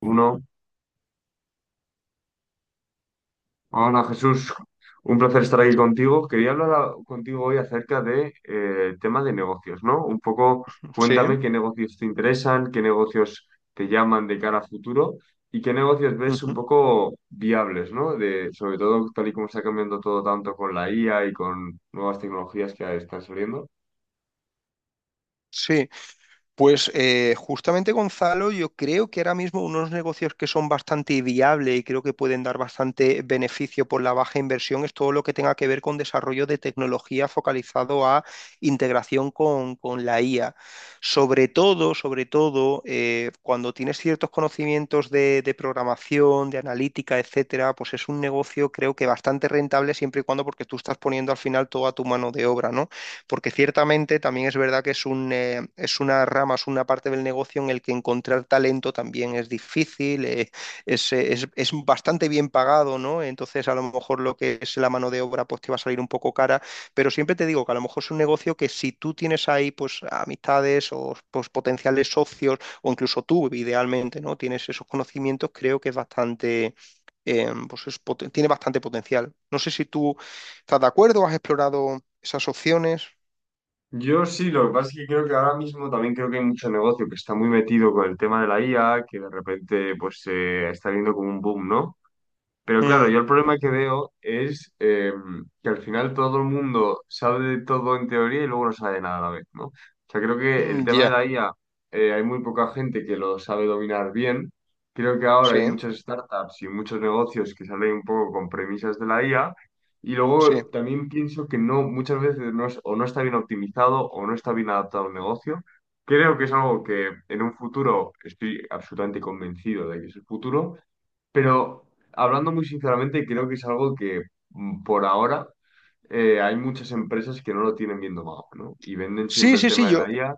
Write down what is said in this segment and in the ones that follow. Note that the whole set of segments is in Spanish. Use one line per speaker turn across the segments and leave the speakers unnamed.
Uno. Hola Jesús, un placer estar aquí contigo. Quería contigo hoy acerca de tema de negocios, ¿no? Un poco
Sí,
cuéntame qué negocios te interesan, qué negocios te llaman de cara a futuro y qué negocios ves un
ujú,
poco viables, ¿no? De, sobre todo tal y como está cambiando todo tanto con la IA y con nuevas tecnologías que están saliendo.
sí. Pues justamente Gonzalo, yo creo que ahora mismo unos negocios que son bastante viables y creo que pueden dar bastante beneficio por la baja inversión es todo lo que tenga que ver con desarrollo de tecnología focalizado a integración con la IA. Sobre todo, cuando tienes ciertos conocimientos de programación, de analítica, etcétera, pues es un negocio creo que bastante rentable siempre y cuando, porque tú estás poniendo al final toda tu mano de obra, ¿no? Porque ciertamente también es verdad que es un, es una rama, es una parte del negocio en el que encontrar talento también es difícil, es, es bastante bien pagado, ¿no? Entonces, a lo mejor lo que es la mano de obra pues te va a salir un poco cara, pero siempre te digo que a lo mejor es un negocio que, si tú tienes ahí pues amistades o pues potenciales socios, o incluso tú idealmente, ¿no?, tienes esos conocimientos, creo que es bastante, pues es tiene bastante potencial. No sé si tú estás de acuerdo, has explorado esas opciones.
Yo sí, lo que pasa es que creo que ahora mismo también creo que hay mucho negocio que está muy metido con el tema de la IA, que de repente pues se está viendo como un boom, ¿no? Pero claro,
Mm,
yo el problema que veo es que al final todo el mundo sabe de todo en teoría y luego no sabe de nada a la vez, ¿no? O sea, creo que el
mm,
tema de
ya.
la IA, hay muy poca gente que lo sabe dominar bien. Creo que ahora hay
Sí,
muchas startups y muchos negocios que salen un poco con premisas de la IA. Y
sí.
luego también pienso que no, muchas veces o no está bien optimizado o no está bien adaptado al negocio. Creo que es algo que en un futuro, estoy absolutamente convencido de que es el futuro, pero hablando muy sinceramente, creo que es algo que por ahora hay muchas empresas que no lo tienen bien domado, ¿no? Y venden
Sí,
siempre el
sí, sí,
tema de la IA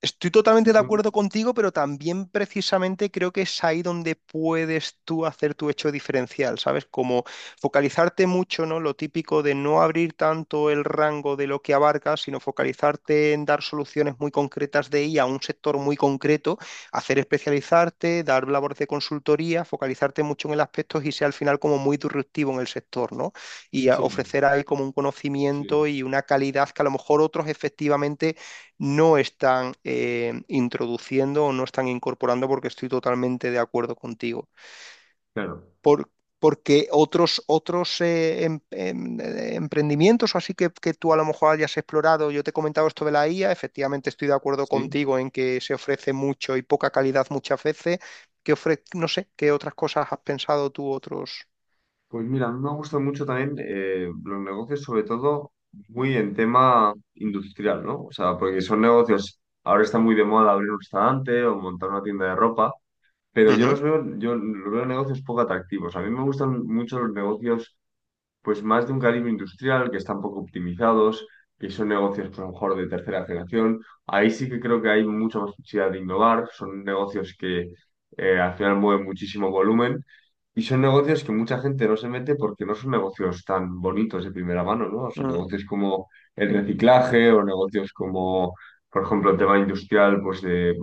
estoy
y
totalmente de
son...
acuerdo contigo, pero también precisamente creo que es ahí donde puedes tú hacer tu hecho diferencial, ¿sabes? Como focalizarte mucho, ¿no? Lo típico de no abrir tanto el rango de lo que abarcas, sino focalizarte en dar soluciones muy concretas de IA a un sector muy concreto, hacer especializarte, dar labores de consultoría, focalizarte mucho en el aspecto y ser al final como muy disruptivo en el sector, ¿no? Y
Sí,
ofrecer ahí como un
sí,
conocimiento y una calidad que a lo mejor otros efectivamente no están introduciendo o no están incorporando, porque estoy totalmente de acuerdo contigo.
claro.
Por- Porque otros emprendimientos, o así, que tú a lo mejor hayas explorado, yo te he comentado esto de la IA, efectivamente estoy de acuerdo
Sí.
contigo en que se ofrece mucho y poca calidad muchas veces. ¿Qué no sé, qué otras cosas has pensado tú, otros?
Pues mira, a mí me gustan mucho también los negocios, sobre todo muy en tema industrial, ¿no? O sea, porque son negocios, ahora está muy de moda abrir un restaurante o montar una tienda de ropa, pero
Ujú,
yo los veo negocios poco atractivos. A mí me gustan mucho los negocios pues más de un calibre industrial, que están poco optimizados, que son negocios pues, a lo mejor de tercera generación. Ahí sí que creo que hay mucha más posibilidad de innovar, son negocios que al final mueven muchísimo volumen y son negocios que mucha gente no se mete porque no son negocios tan bonitos de primera mano, ¿no? O sea,
mm,
negocios como el reciclaje o negocios como, por ejemplo, el tema industrial, pues de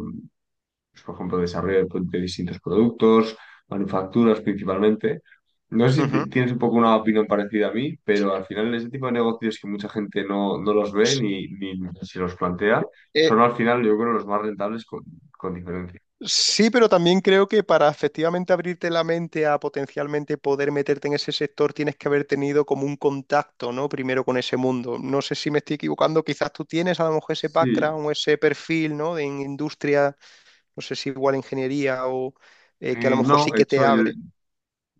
pues, por ejemplo, desarrollo de distintos productos, manufacturas principalmente. No sé si
ujú.
tienes un poco una opinión parecida a mí, pero al final ese tipo de negocios que mucha gente no, no los ve ni, ni se los plantea,
Eh,
son al final yo creo los más rentables con diferencia.
Sí, pero también creo que para efectivamente abrirte la mente a potencialmente poder meterte en ese sector, tienes que haber tenido como un contacto, ¿no? Primero con ese mundo. No sé si me estoy equivocando, quizás tú tienes a lo mejor ese
Sí,
background o ese perfil, ¿no? De en industria, no sé si igual ingeniería o que a lo mejor
no,
sí
de
que te
hecho yo,
abre.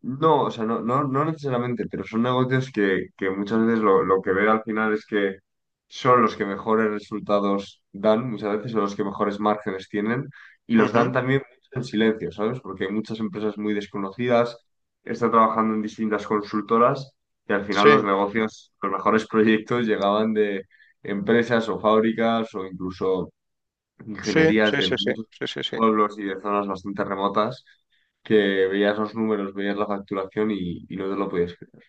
no, o sea, no, no, no necesariamente, pero son negocios que muchas veces lo que veo al final es que son los que mejores resultados dan, muchas veces son los que mejores márgenes tienen y los dan
Ujú.
también en silencio, ¿sabes? Porque hay muchas empresas muy desconocidas, está trabajando en distintas consultoras y al final
Sí,
los negocios, los mejores proyectos llegaban de empresas o fábricas o incluso
sí,
ingenierías
sí,
de
sí, sí,
muchos
sí, sí, sí.
pueblos y de zonas bastante remotas, que veías los números, veías la facturación y no te lo podías creer.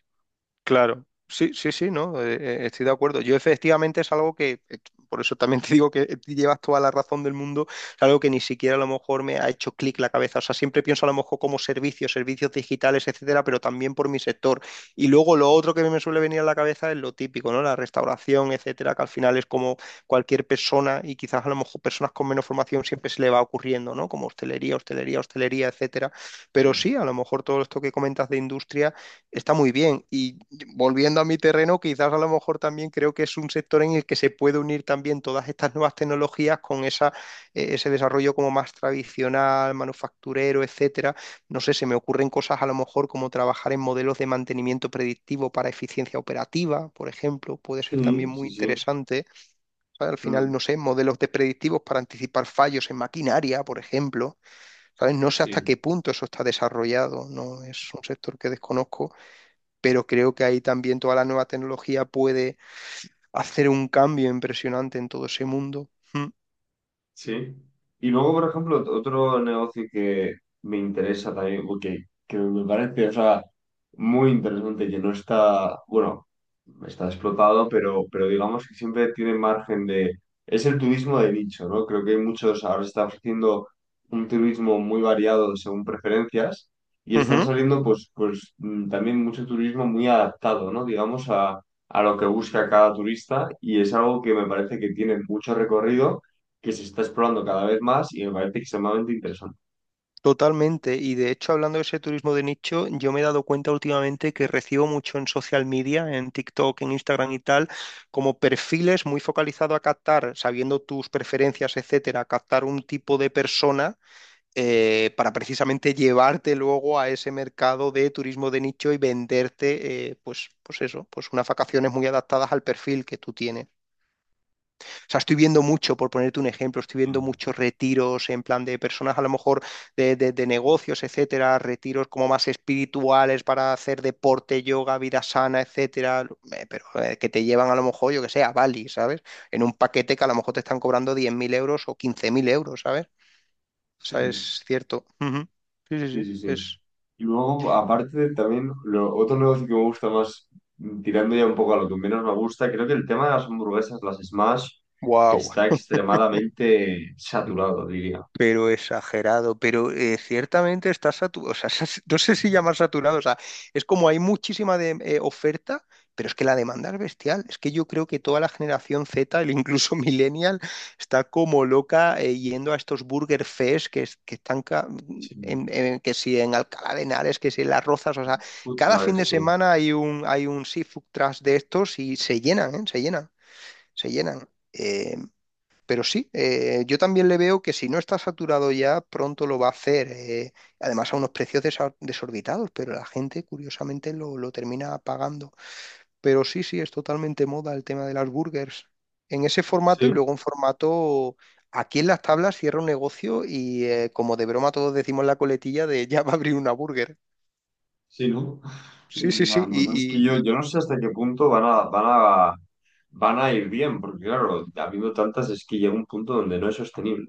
Claro, sí, sí, sí, no, estoy de acuerdo. Yo efectivamente es algo que, por eso también te digo que llevas toda la razón del mundo, es algo que ni siquiera a lo mejor me ha hecho clic la cabeza. O sea, siempre pienso a lo mejor como servicios, servicios digitales, etcétera, pero también por mi sector. Y luego lo otro que me suele venir a la cabeza es lo típico, ¿no? La restauración, etcétera, que al final es como cualquier persona, y quizás a lo mejor personas con menos formación siempre se le va ocurriendo, ¿no? Como hostelería, hostelería, hostelería, etcétera. Pero
Sí,
sí, a lo mejor todo esto que comentas de industria. Está muy bien. Y volviendo a mi terreno, quizás a lo mejor también creo que es un sector en el que se puede unir también todas estas nuevas tecnologías con esa, ese desarrollo como más tradicional, manufacturero, etcétera. No sé, se me ocurren cosas a lo mejor como trabajar en modelos de mantenimiento predictivo para eficiencia operativa, por ejemplo, puede ser
sí,
también
sí,
muy
sí.
interesante. ¿Sabes? Al final, no
Mm,
sé, modelos de predictivos para anticipar fallos en maquinaria, por ejemplo. ¿Sabes? No sé hasta
sí.
qué punto eso está desarrollado, ¿no? Es un sector que desconozco, pero creo que ahí también toda la nueva tecnología puede hacer un cambio impresionante en todo ese mundo. Mm.
Sí. Y luego, por ejemplo, otro negocio que me interesa también, o que me parece, o sea, muy interesante, que no está, bueno, está explotado, pero digamos que siempre tiene margen de... Es el turismo de nicho, ¿no? Creo que hay muchos, ahora se está ofreciendo un turismo muy variado según preferencias y están
Ujú.
saliendo, pues, pues también mucho turismo muy adaptado, ¿no? Digamos a lo que busca cada turista y es algo que me parece que tiene mucho recorrido, que se está explorando cada vez más y me parece extremadamente interesante.
Totalmente, y de hecho, hablando de ese turismo de nicho, yo me he dado cuenta últimamente que recibo mucho en social media, en TikTok, en Instagram y tal, como perfiles muy focalizados a captar, sabiendo tus preferencias, etcétera, a captar un tipo de persona para precisamente llevarte luego a ese mercado de turismo de nicho y venderte, pues, pues eso, pues unas vacaciones muy adaptadas al perfil que tú tienes. O sea, estoy viendo mucho, por ponerte un ejemplo, estoy viendo muchos retiros en plan de personas a lo mejor de negocios, etcétera, retiros como más espirituales para hacer deporte, yoga, vida sana, etcétera, pero que te llevan a lo mejor, yo que sé, a Bali, ¿sabes? En un paquete que a lo mejor te están cobrando 10.000 euros o 15.000 euros, ¿sabes? O sea,
Sí.
es cierto. Ujú. Sí, sí,
Sí,
sí.
sí, sí.
Es
Y luego, aparte, también lo, otro negocio que me gusta más, tirando ya un poco a lo que menos me gusta, creo que el tema de las hamburguesas, las Smash,
wow.
está extremadamente saturado, diría.
Pero exagerado. Pero ciertamente está saturado. O sea, no sé si llamar saturado. O sea, es como hay muchísima de, oferta, pero es que la demanda es bestial. Es que yo creo que toda la generación Z, el incluso millennial, está como loca, yendo a estos Burger Fest que, que están
Sí.
que si en Alcalá de Henares, que si en Las Rozas. O sea,
Food
cada fin de
trucks, sí.
semana hay hay un seafood truck de estos y se llenan, ¿eh? Se llenan. Se llenan. Pero sí, yo también le veo que, si no está saturado ya, pronto lo va a hacer. Además, a unos precios desorbitados, pero la gente curiosamente lo termina pagando. Pero sí, sí, es totalmente moda el tema de las burgers. En ese formato y
Sí,
luego en formato... Aquí en las tablas cierra un negocio y como de broma todos decimos la coletilla de ya va a abrir una burger.
sí, ¿no?
Sí, sí,
Y la
sí.
verdad es que yo,
Y,
yo no sé hasta qué punto van a ir bien, porque claro, habiendo tantas es que llega un punto donde no es sostenible.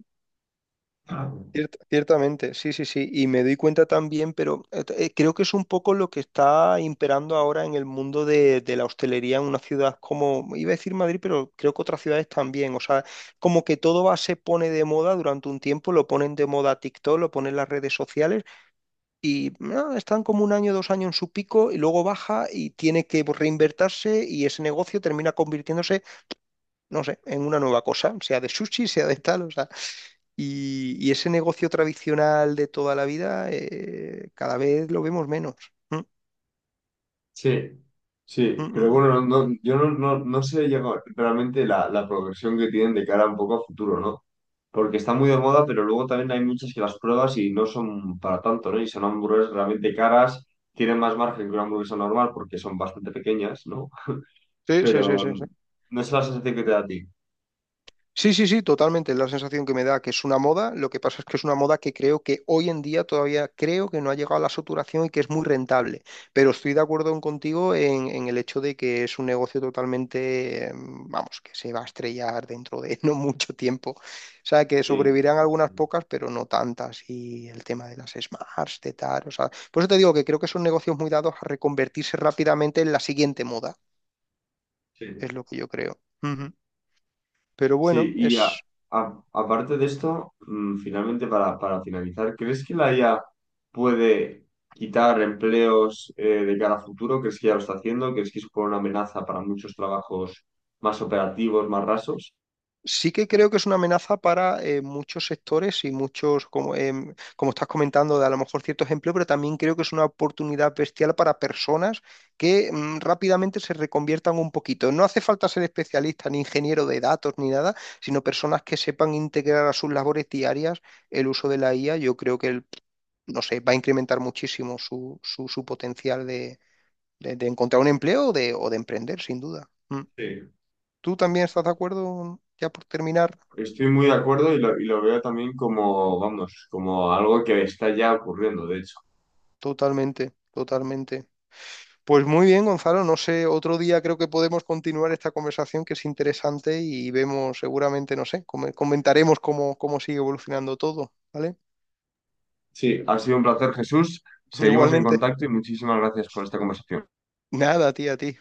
Ciertamente, sí, sí, sí, y me doy cuenta también, pero creo que es un poco lo que está imperando ahora en el mundo de la hostelería en una ciudad como, iba a decir Madrid, pero creo que otras ciudades también, o sea, como que todo va, se pone de moda durante un tiempo, lo ponen de moda TikTok, lo ponen las redes sociales y ah, están como un año, dos años en su pico y luego baja y tiene que reinvertirse y ese negocio termina convirtiéndose, no sé, en una nueva cosa, sea de sushi, sea de tal, o sea. Y ese negocio tradicional de toda la vida, cada vez lo vemos menos. Mm,
Sí,
mm,
sí, pero
mm.
bueno, no, yo no, no, no sé ya realmente la, la progresión que tienen de cara un poco a futuro, ¿no? Porque está muy de moda, pero luego también hay muchas que las pruebas y no son para tanto, ¿no? Y son hamburguesas realmente caras, tienen más margen que una hamburguesa normal porque son bastante pequeñas, ¿no?
Sí, sí, sí,
Pero
sí, sí.
no es la sensación que te da a ti.
Sí, sí, sí, totalmente. Es la sensación que me da, que es una moda. Lo que pasa es que es una moda que creo que hoy en día todavía creo que no ha llegado a la saturación y que es muy rentable. Pero estoy de acuerdo contigo en el hecho de que es un negocio totalmente, vamos, que se va a estrellar dentro de no mucho tiempo. O sea, que
Sí,
sobrevivirán
sí,
algunas
sí.
pocas, pero no tantas. Y el tema de las Smarts, de tal, o sea, por eso te digo que creo que son negocios muy dados a reconvertirse rápidamente en la siguiente moda.
Sí.
Es lo que yo creo. Ujú. Pero
Sí,
bueno,
y
es...
aparte de esto, finalmente para finalizar, ¿crees que la IA puede quitar empleos de cara a futuro? ¿Crees que ya lo está haciendo? ¿Crees que supone una amenaza para muchos trabajos más operativos, más rasos?
Sí que creo que es una amenaza para muchos sectores y muchos, como, como estás comentando, de a lo mejor ciertos empleos, pero también creo que es una oportunidad bestial para personas que mm, rápidamente se reconviertan un poquito. No hace falta ser especialista ni ingeniero de datos ni nada, sino personas que sepan integrar a sus labores diarias el uso de la IA. Yo creo que, no sé, va a incrementar muchísimo su, su potencial de encontrar un empleo o de emprender, sin duda. Mm.
Sí,
¿Tú también estás de acuerdo, ya por terminar?
estoy muy de acuerdo y lo veo también como, vamos, como algo que está ya ocurriendo, de hecho.
Totalmente, totalmente. Pues muy bien, Gonzalo, no sé, otro día creo que podemos continuar esta conversación, que es interesante, y vemos seguramente, no sé, comentaremos cómo, cómo sigue evolucionando todo, ¿vale?
Sí, ha sido un placer, Jesús. Seguimos en
Igualmente,
contacto y muchísimas gracias por esta conversación.
nada, tía, a ti.